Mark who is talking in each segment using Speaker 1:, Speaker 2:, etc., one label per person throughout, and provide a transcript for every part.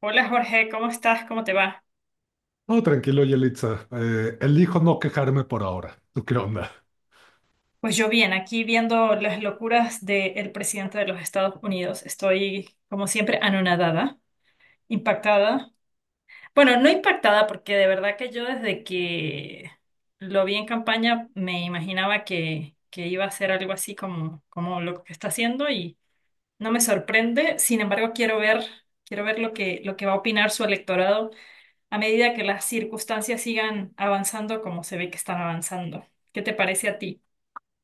Speaker 1: Hola Jorge, ¿cómo estás? ¿Cómo te va?
Speaker 2: No, tranquilo, Yelitza. Elijo no quejarme por ahora. ¿Tú qué onda?
Speaker 1: Pues yo bien, aquí viendo las locuras del presidente de los Estados Unidos. Estoy, como siempre, anonadada, impactada. Bueno, no impactada porque de verdad que yo desde que lo vi en campaña me imaginaba que iba a ser algo así como, como lo que está haciendo y no me sorprende. Sin embargo, quiero ver lo que va a opinar su electorado a medida que las circunstancias sigan avanzando como se ve que están avanzando. ¿Qué te parece a ti?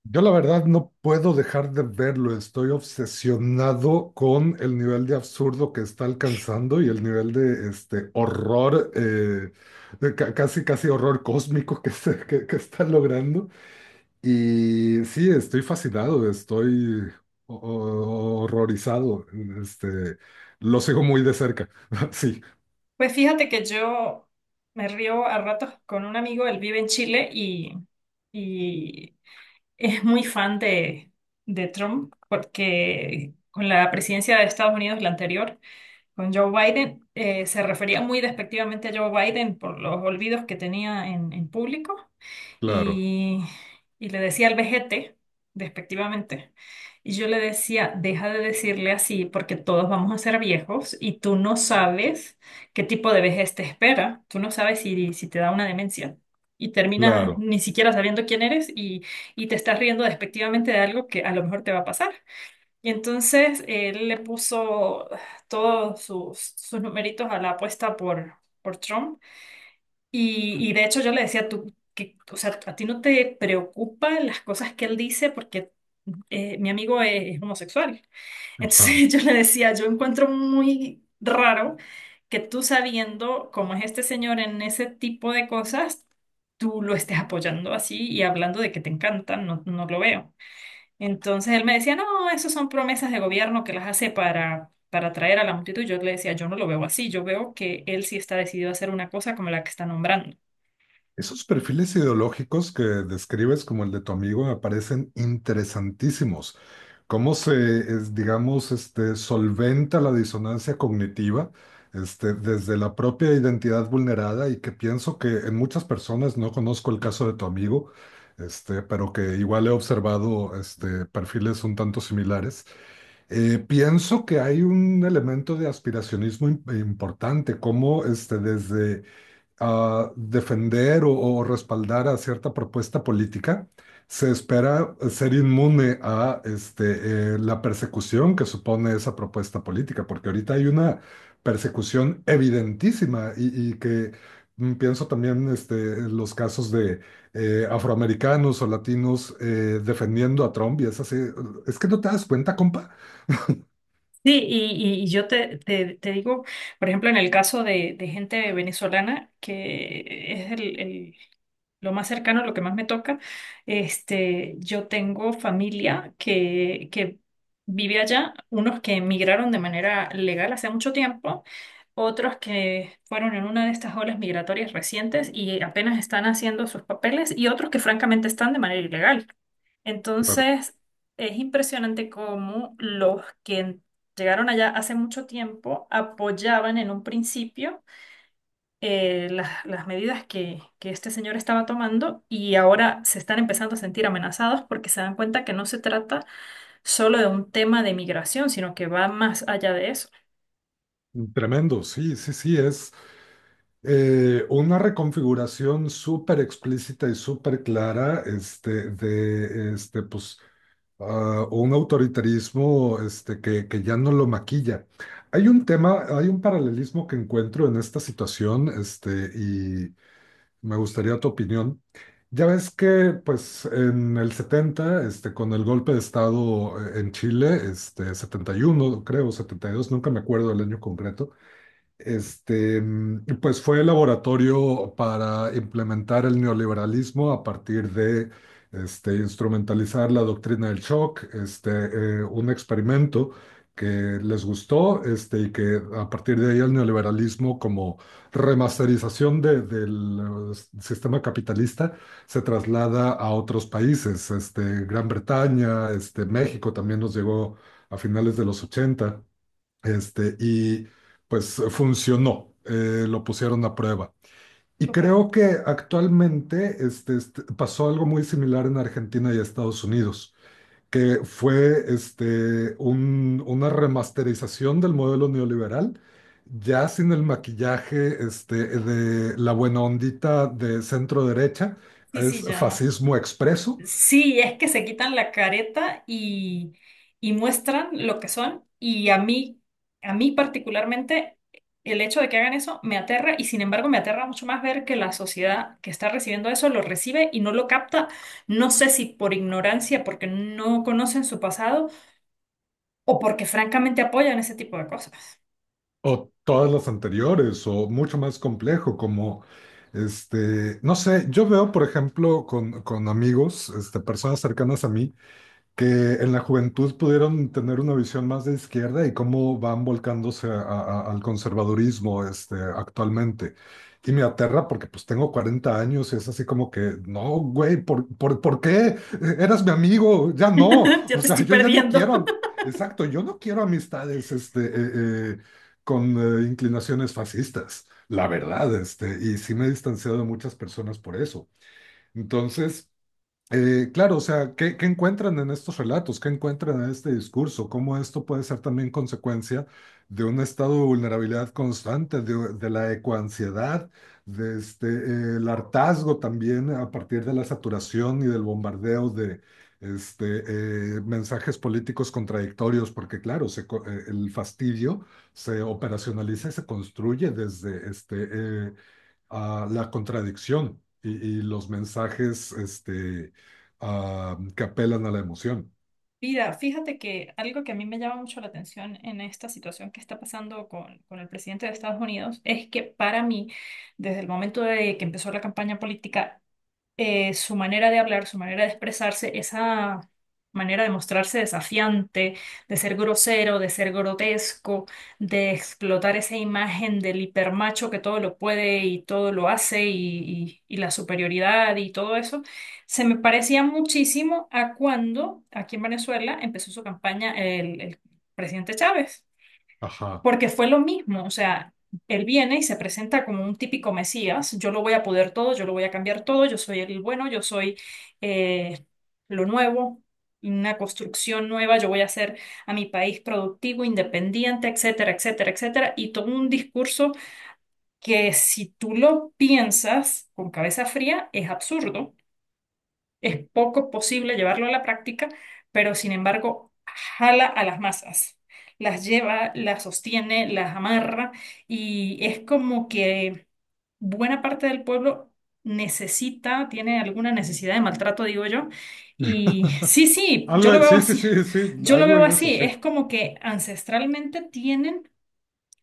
Speaker 2: Yo la verdad no puedo dejar de verlo. Estoy obsesionado con el nivel de absurdo que está alcanzando y el nivel de este horror, de casi casi horror cósmico que está logrando. Y sí, estoy fascinado, estoy horrorizado. Este, lo sigo muy de cerca. Sí,
Speaker 1: Pues fíjate que yo me río a ratos con un amigo, él vive en Chile y es muy fan de Trump porque con la presidencia de Estados Unidos, la anterior, con Joe Biden, se refería muy despectivamente a Joe Biden por los olvidos que tenía en público
Speaker 2: claro,
Speaker 1: y, y le decía al vejete, despectivamente, y yo le decía, deja de decirle así porque todos vamos a ser viejos y tú no sabes qué tipo de vejez te espera, tú no sabes si te da una demencia. Y terminas
Speaker 2: claro.
Speaker 1: ni siquiera sabiendo quién eres y te estás riendo despectivamente de algo que a lo mejor te va a pasar. Y entonces él le puso todos sus numeritos a la apuesta por Trump y de hecho yo le decía, tú, que, o sea, a ti no te preocupan las cosas que él dice porque mi amigo es homosexual.
Speaker 2: Ajá.
Speaker 1: Entonces yo le decía, yo encuentro muy raro que tú sabiendo cómo es este señor en ese tipo de cosas, tú lo estés apoyando así y hablando de que te encantan, no, no lo veo. Entonces él me decía, no, eso son promesas de gobierno que las hace para atraer a la multitud. Yo le decía, yo no lo veo así, yo veo que él sí está decidido a hacer una cosa como la que está nombrando.
Speaker 2: Esos perfiles ideológicos que describes como el de tu amigo me parecen interesantísimos. ¿Cómo digamos, solventa la disonancia cognitiva, desde la propia identidad vulnerada y que pienso que en muchas personas, no conozco el caso de tu amigo, pero que igual he observado, perfiles un tanto similares? Pienso que hay un elemento de aspiracionismo importante, como, desde a defender o respaldar a cierta propuesta política, se espera ser inmune a la persecución que supone esa propuesta política, porque ahorita hay una persecución evidentísima y que pienso también en los casos de afroamericanos o latinos defendiendo a Trump y es así, es que no te das cuenta, compa.
Speaker 1: Sí, y yo te digo, por ejemplo, en el caso de gente venezolana, que es lo más cercano, lo que más me toca, este, yo tengo familia que vive allá, unos que emigraron de manera legal hace mucho tiempo, otros que fueron en una de estas olas migratorias recientes y apenas están haciendo sus papeles, y otros que francamente están de manera ilegal.
Speaker 2: Claro.
Speaker 1: Entonces, es impresionante cómo los que llegaron allá hace mucho tiempo apoyaban en un principio las medidas que este señor estaba tomando y ahora se están empezando a sentir amenazados porque se dan cuenta que no se trata solo de un tema de migración, sino que va más allá de eso.
Speaker 2: Tremendo, sí, sí, sí, es una reconfiguración súper explícita y súper clara, de pues, un autoritarismo que ya no lo maquilla. Hay un tema, hay un paralelismo que encuentro en esta situación, y me gustaría tu opinión. Ya ves que pues, en el 70, con el golpe de Estado en Chile, 71 creo, 72, nunca me acuerdo del año concreto. Pues fue el laboratorio para implementar el neoliberalismo a partir de instrumentalizar la doctrina del shock, un experimento que les gustó, y que a partir de ahí el neoliberalismo como remasterización del sistema capitalista se traslada a otros países, Gran Bretaña, México también nos llegó a finales de los 80. Y pues funcionó, lo pusieron a prueba. Y
Speaker 1: Total.
Speaker 2: creo que actualmente, pasó algo muy similar en Argentina y Estados Unidos, que fue una remasterización del modelo neoliberal, ya sin el maquillaje, de la buena ondita de centro derecha.
Speaker 1: Sí, sí,
Speaker 2: Es
Speaker 1: ya.
Speaker 2: fascismo expreso.
Speaker 1: Sí, es que se quitan la careta y muestran lo que son. Y a mí particularmente, el hecho de que hagan eso me aterra y sin embargo me aterra mucho más ver que la sociedad que está recibiendo eso lo recibe y no lo capta. No sé si por ignorancia, porque no conocen su pasado o porque francamente apoyan ese tipo de cosas.
Speaker 2: O todas las anteriores, o mucho más complejo, como, no sé. Yo veo, por ejemplo, con amigos, personas cercanas a mí, que en la juventud pudieron tener una visión más de izquierda, y cómo van volcándose al conservadurismo, actualmente. Y me aterra porque pues tengo 40 años y es así como que, no, güey, por qué? Eras mi amigo, ya no.
Speaker 1: Ya
Speaker 2: O
Speaker 1: te
Speaker 2: sea,
Speaker 1: estoy
Speaker 2: yo ya no
Speaker 1: perdiendo.
Speaker 2: quiero, exacto, yo no quiero amistades, con inclinaciones fascistas, la verdad, y sí me he distanciado de muchas personas por eso. Entonces. Claro, o sea, ¿qué encuentran en estos relatos? ¿Qué encuentran en este discurso? ¿Cómo esto puede ser también consecuencia de un estado de vulnerabilidad constante, de la ecoansiedad, de el hartazgo también a partir de la saturación y del bombardeo de este, mensajes políticos contradictorios? Porque claro, el fastidio se operacionaliza y se construye desde eh, a la contradicción y los mensajes, que apelan a la emoción.
Speaker 1: Mira, fíjate que algo que a mí me llama mucho la atención en esta situación que está pasando con el presidente de Estados Unidos es que para mí, desde el momento de que empezó la campaña política, su manera de hablar, su manera de expresarse, esa manera de mostrarse desafiante, de ser grosero, de ser grotesco, de explotar esa imagen del hipermacho que todo lo puede y todo lo hace y la superioridad y todo eso, se me parecía muchísimo a cuando aquí en Venezuela empezó su campaña el presidente Chávez.
Speaker 2: Ajá.
Speaker 1: Porque fue lo mismo, o sea, él viene y se presenta como un típico Mesías, yo lo voy a poder todo, yo lo voy a cambiar todo, yo soy el bueno, yo soy eh, lo nuevo, una construcción nueva, yo voy a hacer a mi país productivo, independiente, etcétera, etcétera, etcétera, y todo un discurso que si tú lo piensas con cabeza fría es absurdo, es poco posible llevarlo a la práctica, pero sin embargo jala a las masas, las lleva, las sostiene, las amarra y es como que buena parte del pueblo necesita, tiene alguna necesidad de maltrato, digo yo. Y sí, sí, yo lo veo
Speaker 2: Sí, sí,
Speaker 1: así,
Speaker 2: sí, sí,
Speaker 1: yo lo
Speaker 2: algo
Speaker 1: veo
Speaker 2: de eso,
Speaker 1: así,
Speaker 2: sí.
Speaker 1: es como que ancestralmente tienen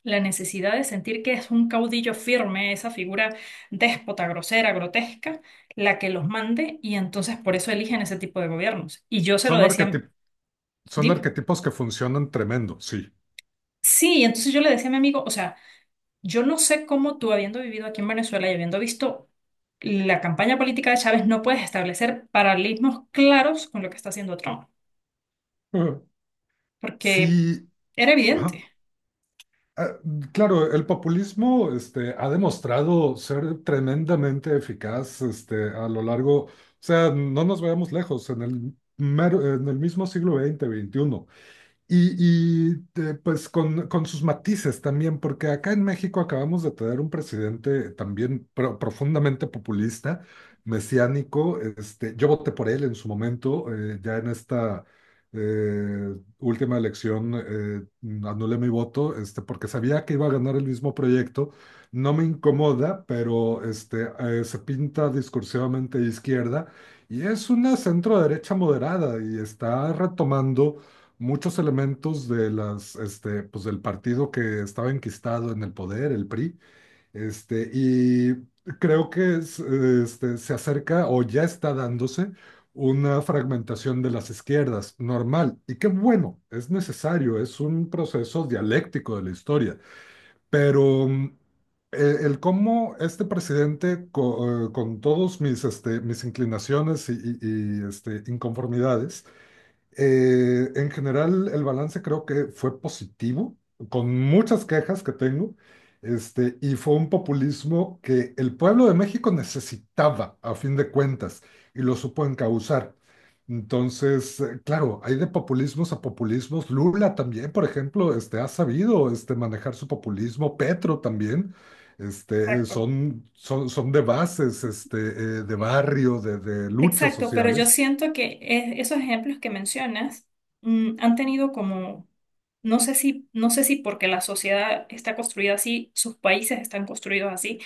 Speaker 1: la necesidad de sentir que es un caudillo firme, esa figura déspota, grosera, grotesca, la que los mande y entonces por eso eligen ese tipo de gobiernos. Y yo se lo
Speaker 2: Son
Speaker 1: decía,
Speaker 2: arquetip- son
Speaker 1: dime.
Speaker 2: arquetipos que funcionan tremendo, sí.
Speaker 1: Sí, y entonces yo le decía a mi amigo, o sea, yo no sé cómo tú habiendo vivido aquí en Venezuela y habiendo visto la campaña política de Chávez, no puedes establecer paralelismos claros con lo que está haciendo Trump, porque
Speaker 2: Sí,
Speaker 1: era evidente.
Speaker 2: ajá. Ah, claro, el populismo, ha demostrado ser tremendamente eficaz, a lo largo, o sea, no nos veamos lejos, en el mismo siglo XX-XXI. Y pues con sus matices también, porque acá en México acabamos de tener un presidente también profundamente populista, mesiánico. Yo voté por él en su momento, ya en esta última elección anulé mi voto, porque sabía que iba a ganar el mismo proyecto. No me incomoda, pero se pinta discursivamente de izquierda y es una centro derecha moderada, y está retomando muchos elementos de pues del partido que estaba enquistado en el poder, el PRI, y creo que se acerca o ya está dándose una fragmentación de las izquierdas, normal, y qué bueno, es necesario, es un proceso dialéctico de la historia, pero el cómo este presidente, todos mis, mis inclinaciones y inconformidades, en general, el balance creo que fue positivo, con muchas quejas que tengo, y fue un populismo que el pueblo de México necesitaba, a fin de cuentas, y lo supo encauzar. Entonces, claro, hay de populismos a populismos. Lula también, por ejemplo, ha sabido, manejar su populismo. Petro también. Este,
Speaker 1: Exacto.
Speaker 2: son, son, son de bases, de barrio, de luchas
Speaker 1: Exacto, pero yo
Speaker 2: sociales.
Speaker 1: siento que esos ejemplos que mencionas mm, han tenido como, no sé si, no sé si porque la sociedad está construida así, sus países están construidos así,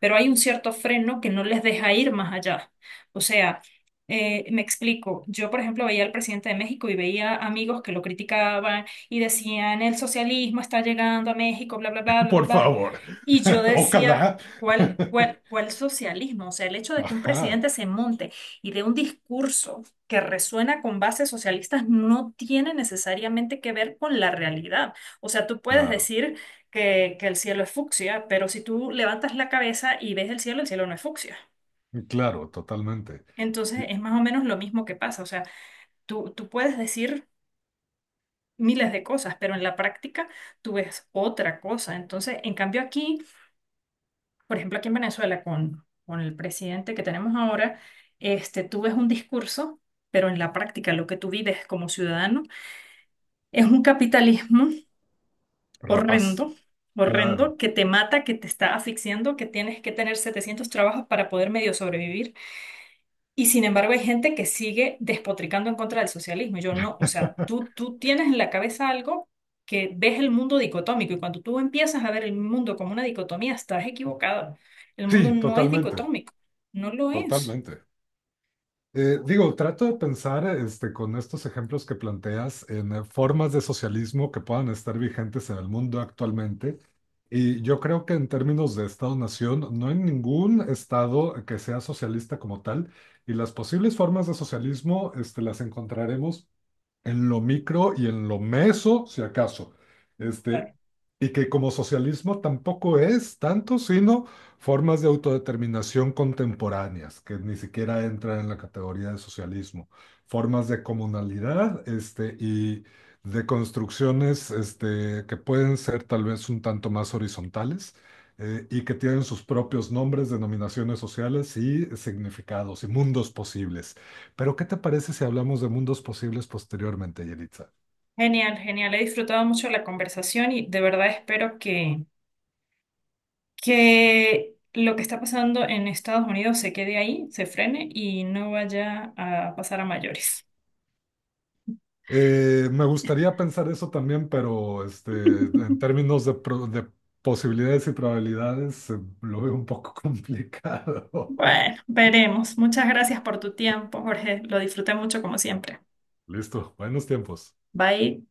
Speaker 1: pero hay un cierto freno que no les deja ir más allá. O sea, me explico, yo por ejemplo veía al presidente de México y veía amigos que lo criticaban y decían, el socialismo está llegando a México, bla, bla, bla, bla, bla.
Speaker 2: Por
Speaker 1: Bla".
Speaker 2: favor.
Speaker 1: Y yo decía,
Speaker 2: Ojalá.
Speaker 1: ¿cuál, cuál, cuál socialismo? O sea, el hecho de que un
Speaker 2: Ajá,
Speaker 1: presidente se monte y de un discurso que resuena con bases socialistas no tiene necesariamente que ver con la realidad. O sea, tú puedes
Speaker 2: claro,
Speaker 1: decir que el cielo es fucsia, pero si tú levantas la cabeza y ves el cielo no es fucsia.
Speaker 2: claro, totalmente. Y-
Speaker 1: Entonces es más o menos lo mismo que pasa. O sea, tú puedes decir miles de cosas, pero en la práctica tú ves otra cosa. Entonces, en cambio aquí, por ejemplo, aquí en Venezuela con el presidente que tenemos ahora, este, tú ves un discurso, pero en la práctica lo que tú vives como ciudadano es un capitalismo
Speaker 2: Rapaz,
Speaker 1: horrendo,
Speaker 2: claro.
Speaker 1: horrendo, que te mata, que te está asfixiando, que tienes que tener 700 trabajos para poder medio sobrevivir. Y sin embargo hay gente que sigue despotricando en contra del socialismo. Yo no, o sea, tú tienes en la cabeza algo que ves el mundo dicotómico y cuando tú empiezas a ver el mundo como una dicotomía, estás equivocado. El mundo
Speaker 2: Sí,
Speaker 1: no es
Speaker 2: totalmente,
Speaker 1: dicotómico, no lo es.
Speaker 2: totalmente. Digo, trato de pensar, con estos ejemplos que planteas en formas de socialismo que puedan estar vigentes en el mundo actualmente. Y yo creo que en términos de Estado-nación, no hay ningún Estado que sea socialista como tal. Y las posibles formas de socialismo, las encontraremos en lo micro y en lo meso, si acaso. Este, y que como socialismo tampoco es tanto, sino formas de autodeterminación contemporáneas, que ni siquiera entran en la categoría de socialismo, formas de comunalidad, y de construcciones, que pueden ser tal vez un tanto más horizontales. Y que tienen sus propios nombres, denominaciones sociales y significados y mundos posibles. Pero, ¿qué te parece si hablamos de mundos posibles posteriormente, Yelitza?
Speaker 1: Genial, genial. He disfrutado mucho la conversación y de verdad espero que lo que está pasando en Estados Unidos se quede ahí, se frene y no vaya a pasar a mayores.
Speaker 2: Me gustaría pensar eso también, pero en términos de posibilidades y probabilidades, lo veo un poco complicado.
Speaker 1: Bueno, veremos. Muchas gracias por tu tiempo, Jorge. Lo disfruté mucho como siempre.
Speaker 2: Listo, buenos tiempos.
Speaker 1: Bye.